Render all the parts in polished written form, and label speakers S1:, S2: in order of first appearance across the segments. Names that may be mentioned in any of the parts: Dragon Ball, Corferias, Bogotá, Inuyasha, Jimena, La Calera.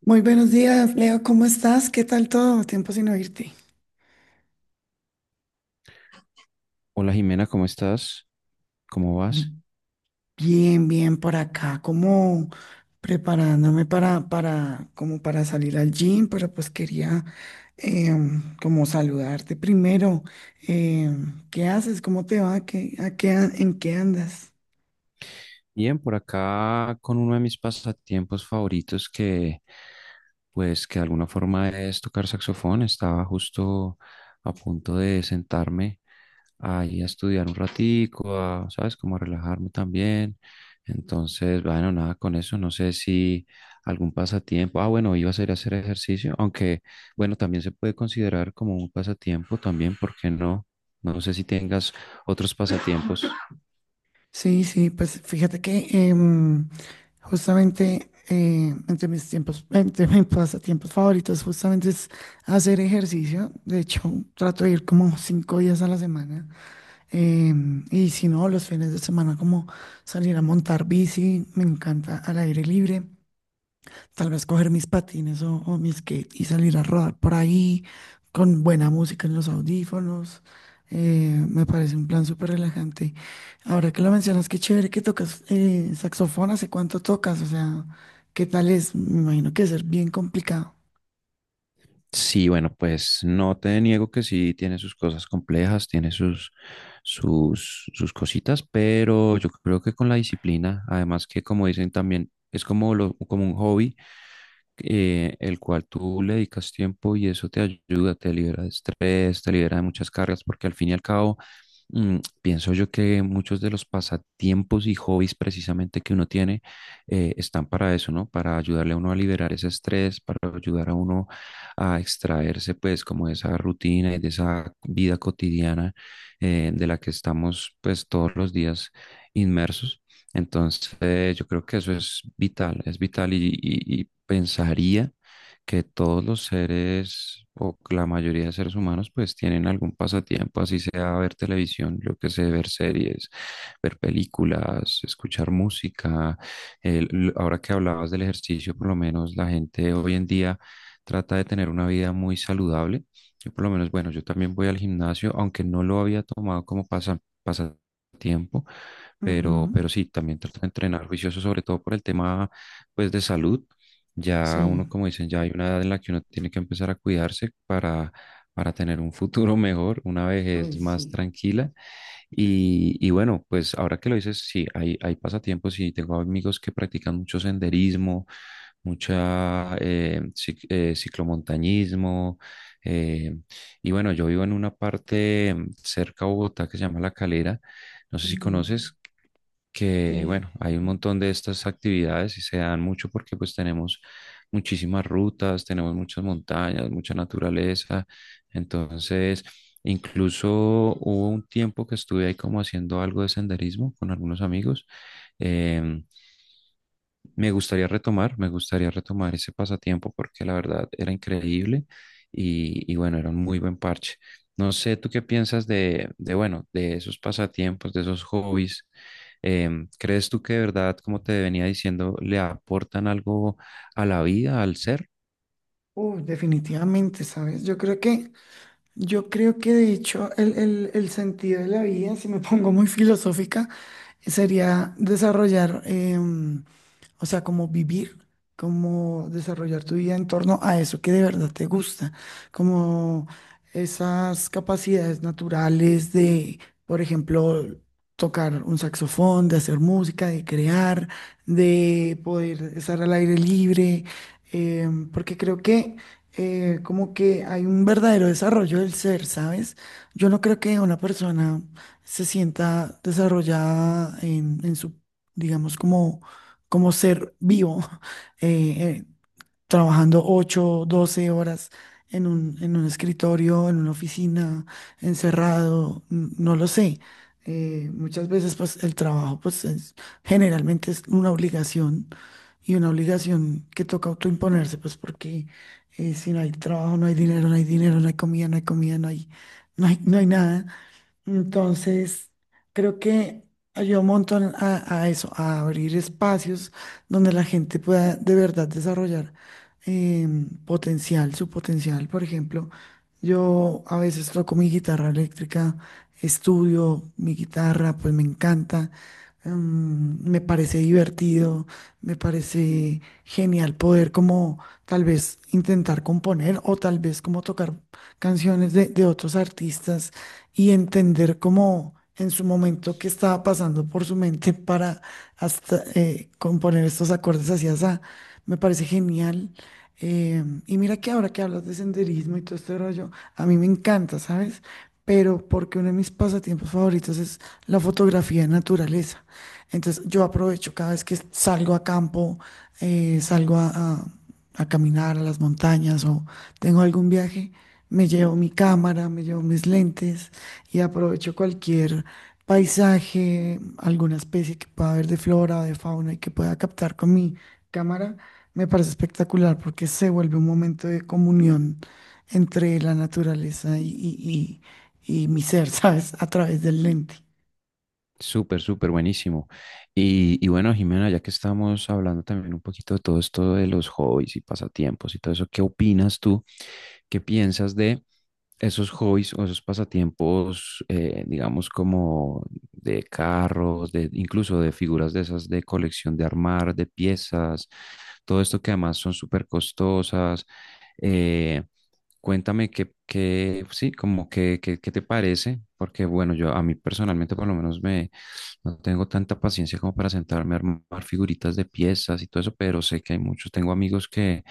S1: Muy buenos días, Leo, ¿cómo estás? ¿Qué tal todo? Tiempo sin oírte.
S2: Hola Jimena, ¿cómo estás? ¿Cómo
S1: Bi-
S2: vas?
S1: Bien, bien por acá, como preparándome como para salir al gym, pero pues quería como saludarte primero. ¿Qué haces? ¿Cómo te va? ¿Qué, a qué, an- en qué andas?
S2: Bien, por acá con uno de mis pasatiempos favoritos que pues que de alguna forma es tocar saxofón. Estaba justo a punto de sentarme ahí a estudiar un ratico, a, ¿sabes? Como a relajarme también. Entonces, bueno, nada con eso. No sé si algún pasatiempo. Ah, bueno, iba a ser hacer ejercicio, aunque bueno, también se puede considerar como un pasatiempo también, ¿por qué no? No sé si tengas otros pasatiempos.
S1: Sí, sí, pues fíjate que justamente entre mis pasatiempos favoritos, justamente es hacer ejercicio. De hecho, trato de ir como 5 días a la semana. Y si no, los fines de semana, como salir a montar bici, me encanta al aire libre. Tal vez coger mis patines o mi skate y salir a rodar por ahí con buena música en los audífonos. Me parece un plan súper relajante. Ahora que lo mencionas, qué chévere que tocas saxofón. ¿Hace cuánto tocas? O sea, ¿qué tal es? Me imagino que debe ser bien complicado.
S2: Sí, bueno, pues no te niego que sí tiene sus cosas complejas, tiene sus cositas, pero yo creo que con la disciplina, además que como dicen también, es como, lo, como un hobby, el cual tú le dedicas tiempo y eso te ayuda, libera de estrés, te libera de muchas cargas porque al fin y al cabo. Pienso yo que muchos de los pasatiempos y hobbies precisamente que uno tiene están para eso, ¿no? Para ayudarle a uno a liberar ese estrés, para ayudar a uno a extraerse pues como de esa rutina y de esa vida cotidiana, de la que estamos pues todos los días inmersos. Entonces yo creo que eso es vital y, y pensaría que todos los seres o la mayoría de seres humanos pues tienen algún pasatiempo, así sea ver televisión, yo que sé, ver series, ver películas, escuchar música. Ahora que hablabas del ejercicio, por lo menos la gente hoy en día trata de tener una vida muy saludable. Yo por lo menos, bueno, yo también voy al gimnasio, aunque no lo había tomado como pasatiempo,
S1: Ujú.
S2: pero sí, también trato de entrenar juicioso, sobre todo por el tema pues de salud, ya
S1: Sí.
S2: uno, como dicen, ya hay una edad en la que uno tiene que empezar a cuidarse para tener un futuro mejor, una
S1: Uy,
S2: vejez más
S1: sí.
S2: tranquila. Y bueno, pues ahora que lo dices, sí, hay pasatiempos y tengo amigos que practican mucho senderismo, mucha ciclomontañismo. eh, y bueno, yo vivo en una parte cerca a Bogotá que se llama La Calera. No sé si
S1: Ujú.
S2: conoces, que
S1: Sí.
S2: bueno, hay un
S1: Sí.
S2: montón de estas actividades y se dan mucho porque pues tenemos muchísimas rutas, tenemos muchas montañas, mucha naturaleza. Entonces, incluso hubo un tiempo que estuve ahí como haciendo algo de senderismo con algunos amigos. em, Me gustaría retomar, me gustaría retomar ese pasatiempo porque la verdad era increíble y bueno, era un muy buen parche. No sé, ¿tú qué piensas de bueno, de esos pasatiempos, de esos hobbies? ¿Crees tú que de verdad, como te venía diciendo, le aportan algo a la vida, al ser?
S1: Uy, definitivamente, ¿sabes? Yo creo que de hecho el sentido de la vida, si me pongo muy filosófica, sería desarrollar, o sea, como vivir, como desarrollar tu vida en torno a eso que de verdad te gusta, como esas capacidades naturales de, por ejemplo, tocar un saxofón, de hacer música, de crear, de poder estar al aire libre, porque creo que como que hay un verdadero desarrollo del ser, ¿sabes? Yo no creo que una persona se sienta desarrollada en su, digamos, como ser vivo, eh, eh, trabajando 8 12 horas en un escritorio, en una oficina, encerrado, no lo sé. Muchas veces pues el trabajo pues generalmente es una obligación y una obligación que toca autoimponerse pues porque si no hay trabajo no hay dinero, no hay comida, no hay, no hay nada. Entonces, creo que ayuda un montón a eso, a abrir espacios donde la gente pueda de verdad desarrollar su potencial. Por ejemplo, yo a veces toco mi guitarra eléctrica, estudio mi guitarra, pues me encanta, me parece divertido, me parece genial poder como tal vez intentar componer o tal vez como tocar canciones de otros artistas y entender cómo en su momento qué estaba pasando por su mente para hasta componer estos acordes así, así. Me parece genial. Y mira que ahora que hablas de senderismo y todo este rollo, a mí me encanta, ¿sabes? Pero porque uno de mis pasatiempos favoritos es la fotografía de naturaleza. Entonces yo aprovecho cada vez que salgo a campo, salgo a caminar a las montañas o tengo algún viaje, me llevo mi cámara, me llevo mis lentes y aprovecho cualquier paisaje, alguna especie que pueda haber de flora o de fauna y que pueda captar con mi cámara. Me parece espectacular porque se vuelve un momento de comunión entre la naturaleza y mi ser, ¿sabes? A través del lente.
S2: Súper, súper buenísimo. Y bueno, Jimena, ya que estamos hablando también un poquito de todo esto de los hobbies y pasatiempos y todo eso, ¿qué opinas tú? ¿Qué piensas de esos hobbies o esos pasatiempos, digamos, como de carros, de, incluso de figuras de esas de colección, de armar, de piezas, todo esto que además son súper costosas? Eh, Cuéntame qué, sí, como que, qué, qué te parece, porque bueno, yo a mí personalmente por lo menos me no tengo tanta paciencia como para sentarme a armar figuritas de piezas y todo eso, pero sé que hay muchos. Tengo amigos que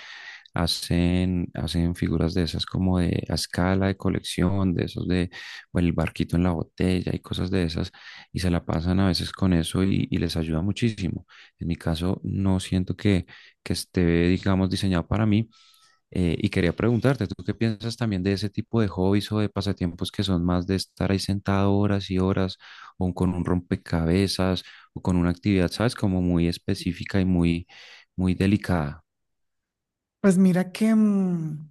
S2: hacen, hacen figuras de esas como de a escala de colección, de esos de o el barquito en la botella y cosas de esas, y se la pasan a veces con eso y les ayuda muchísimo. En mi caso, no siento que esté, digamos, diseñado para mí, y quería preguntarte, ¿tú qué piensas también de ese tipo de hobbies o de pasatiempos que son más de estar ahí sentado horas y horas o con un rompecabezas o con una actividad, sabes, como muy específica y muy, muy delicada?
S1: Pues mira que... mm,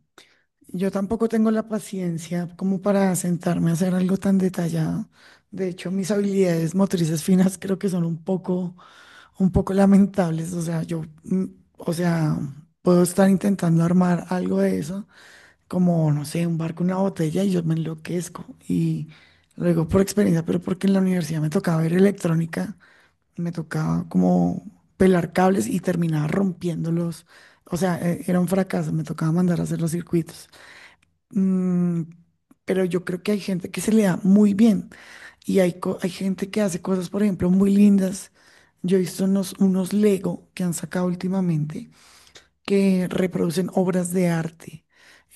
S1: Yo tampoco tengo la paciencia como para sentarme a hacer algo tan detallado. De hecho, mis habilidades motrices finas creo que son un poco lamentables. O sea, yo, o sea, puedo estar intentando armar algo de eso, como, no sé, un barco, una botella, y yo me enloquezco. Y luego por experiencia, pero porque en la universidad me tocaba ver electrónica, me tocaba como pelar cables y terminaba rompiéndolos. O sea, era un fracaso, me tocaba mandar a hacer los circuitos. Mm, pero yo creo que hay gente que se le da muy bien y hay gente que hace cosas, por ejemplo, muy lindas. Yo he visto unos Lego que han sacado últimamente que reproducen obras de arte,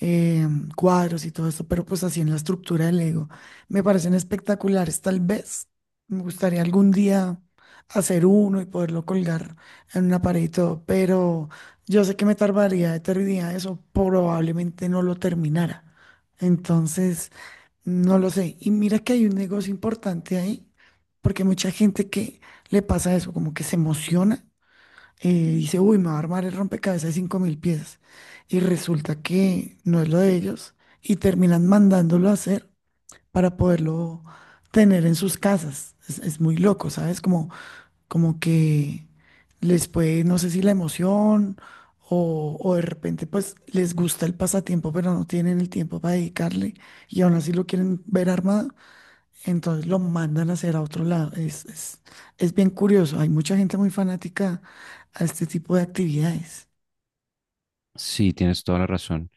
S1: eh, cuadros y todo esto, pero pues así en la estructura del Lego. Me parecen espectaculares, tal vez. Me gustaría algún día hacer uno y poderlo colgar en una pared y todo, pero yo sé que me tardaría eternidad, eso probablemente no lo terminara. Entonces, no lo sé. Y mira que hay un negocio importante ahí, porque mucha gente que le pasa eso, como que se emociona dice, uy, me va a armar el rompecabezas de 5.000 piezas. Y resulta que no es lo de ellos y terminan mandándolo a hacer para poderlo tener en sus casas. Es muy loco, ¿sabes? Como que les puede, no sé si la emoción o de repente pues les gusta el pasatiempo, pero no tienen el tiempo para dedicarle y aún así lo quieren ver armado. Entonces lo mandan a hacer a otro lado. Es bien curioso. Hay mucha gente muy fanática a este tipo de actividades.
S2: Sí, tienes toda la razón.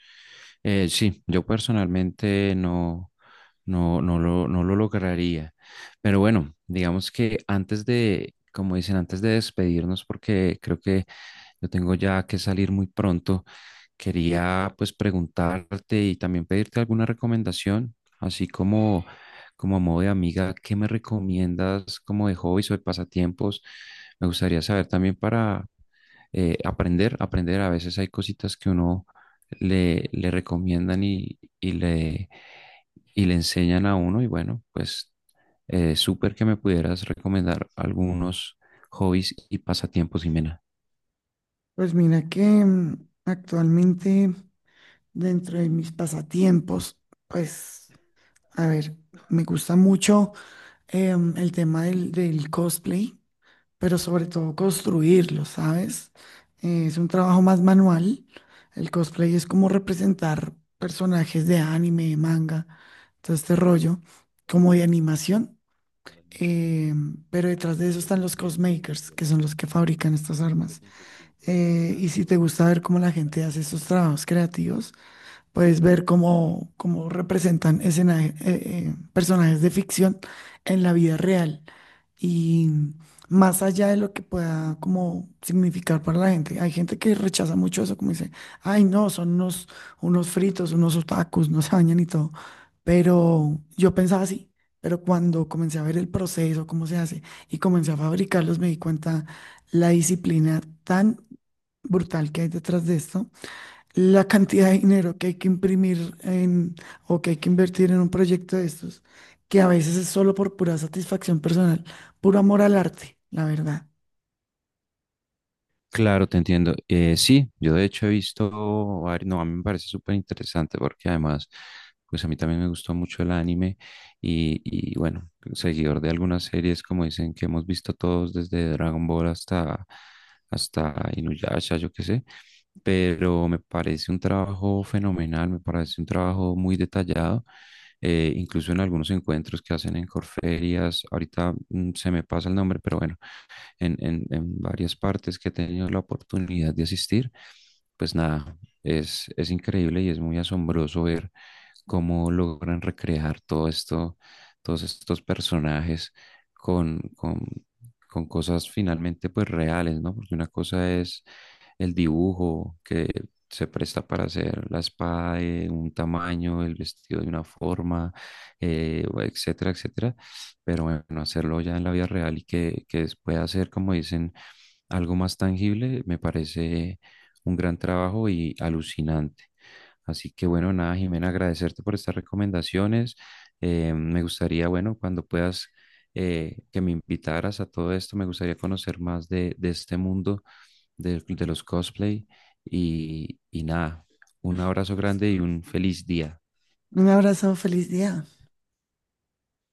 S2: Sí, yo personalmente no, no, no lo lograría. Pero bueno, digamos que antes de, como dicen, antes de despedirnos, porque creo que yo tengo ya que salir muy pronto, quería pues preguntarte y también pedirte alguna recomendación, así como, como a modo de amiga, ¿qué me recomiendas como de hobbies o de pasatiempos? Me gustaría saber también para aprender, aprender. A veces hay cositas que uno le, le recomiendan y le enseñan a uno. Y bueno, pues súper que me pudieras recomendar algunos hobbies y pasatiempos, Jimena.
S1: Pues mira que actualmente dentro de mis pasatiempos, pues, a ver, me gusta mucho el tema del cosplay, pero sobre todo construirlo, ¿sabes? Es un trabajo más manual. El cosplay es como representar personajes de anime, manga, todo este rollo, como de animación. Eh, pero detrás de eso están los cosmakers, que son los que fabrican estas armas. Y si te gusta ver cómo la gente hace esos trabajos creativos, puedes ver cómo representan personajes de ficción en la vida real. Y más allá de lo que pueda como significar para la gente, hay gente que rechaza mucho eso, como dice, ay no, son unos fritos, unos otakus, no se bañan y todo. Pero yo pensaba así, pero cuando comencé a ver el proceso, cómo se hace, y comencé a fabricarlos, me di cuenta la disciplina tan brutal que hay detrás de esto, la cantidad de dinero que hay que imprimir en, o que hay que invertir en un proyecto de estos, que a veces es solo por pura satisfacción personal, puro amor al arte, la verdad.
S2: Claro, te entiendo. Sí, yo de hecho he visto, no, a mí me parece súper interesante porque además, pues a mí también me gustó mucho el anime y bueno, seguidor de algunas series, como dicen, que hemos visto todos desde Dragon Ball hasta, hasta Inuyasha, yo qué sé, pero me parece un trabajo fenomenal, me parece un trabajo muy detallado, incluso en algunos encuentros que hacen en Corferias, ahorita se me pasa el nombre, pero bueno, en varias partes que he tenido la oportunidad de asistir, pues nada, es increíble y es muy asombroso ver cómo logran recrear todo esto, todos estos personajes con, con, con cosas finalmente pues reales, ¿no? Porque una cosa es el dibujo que se presta para hacer la espada de un tamaño, el vestido de una forma, etcétera, etcétera, pero bueno, hacerlo ya en la vida real y que, pueda ser, como dicen, algo más tangible, me parece un gran trabajo y alucinante. Así que bueno, nada, Jimena, agradecerte por estas recomendaciones. Me gustaría, bueno, cuando puedas que me invitaras a todo esto, me gustaría conocer más de este mundo de los cosplay y nada, un abrazo grande y un feliz día.
S1: Un abrazo, feliz día.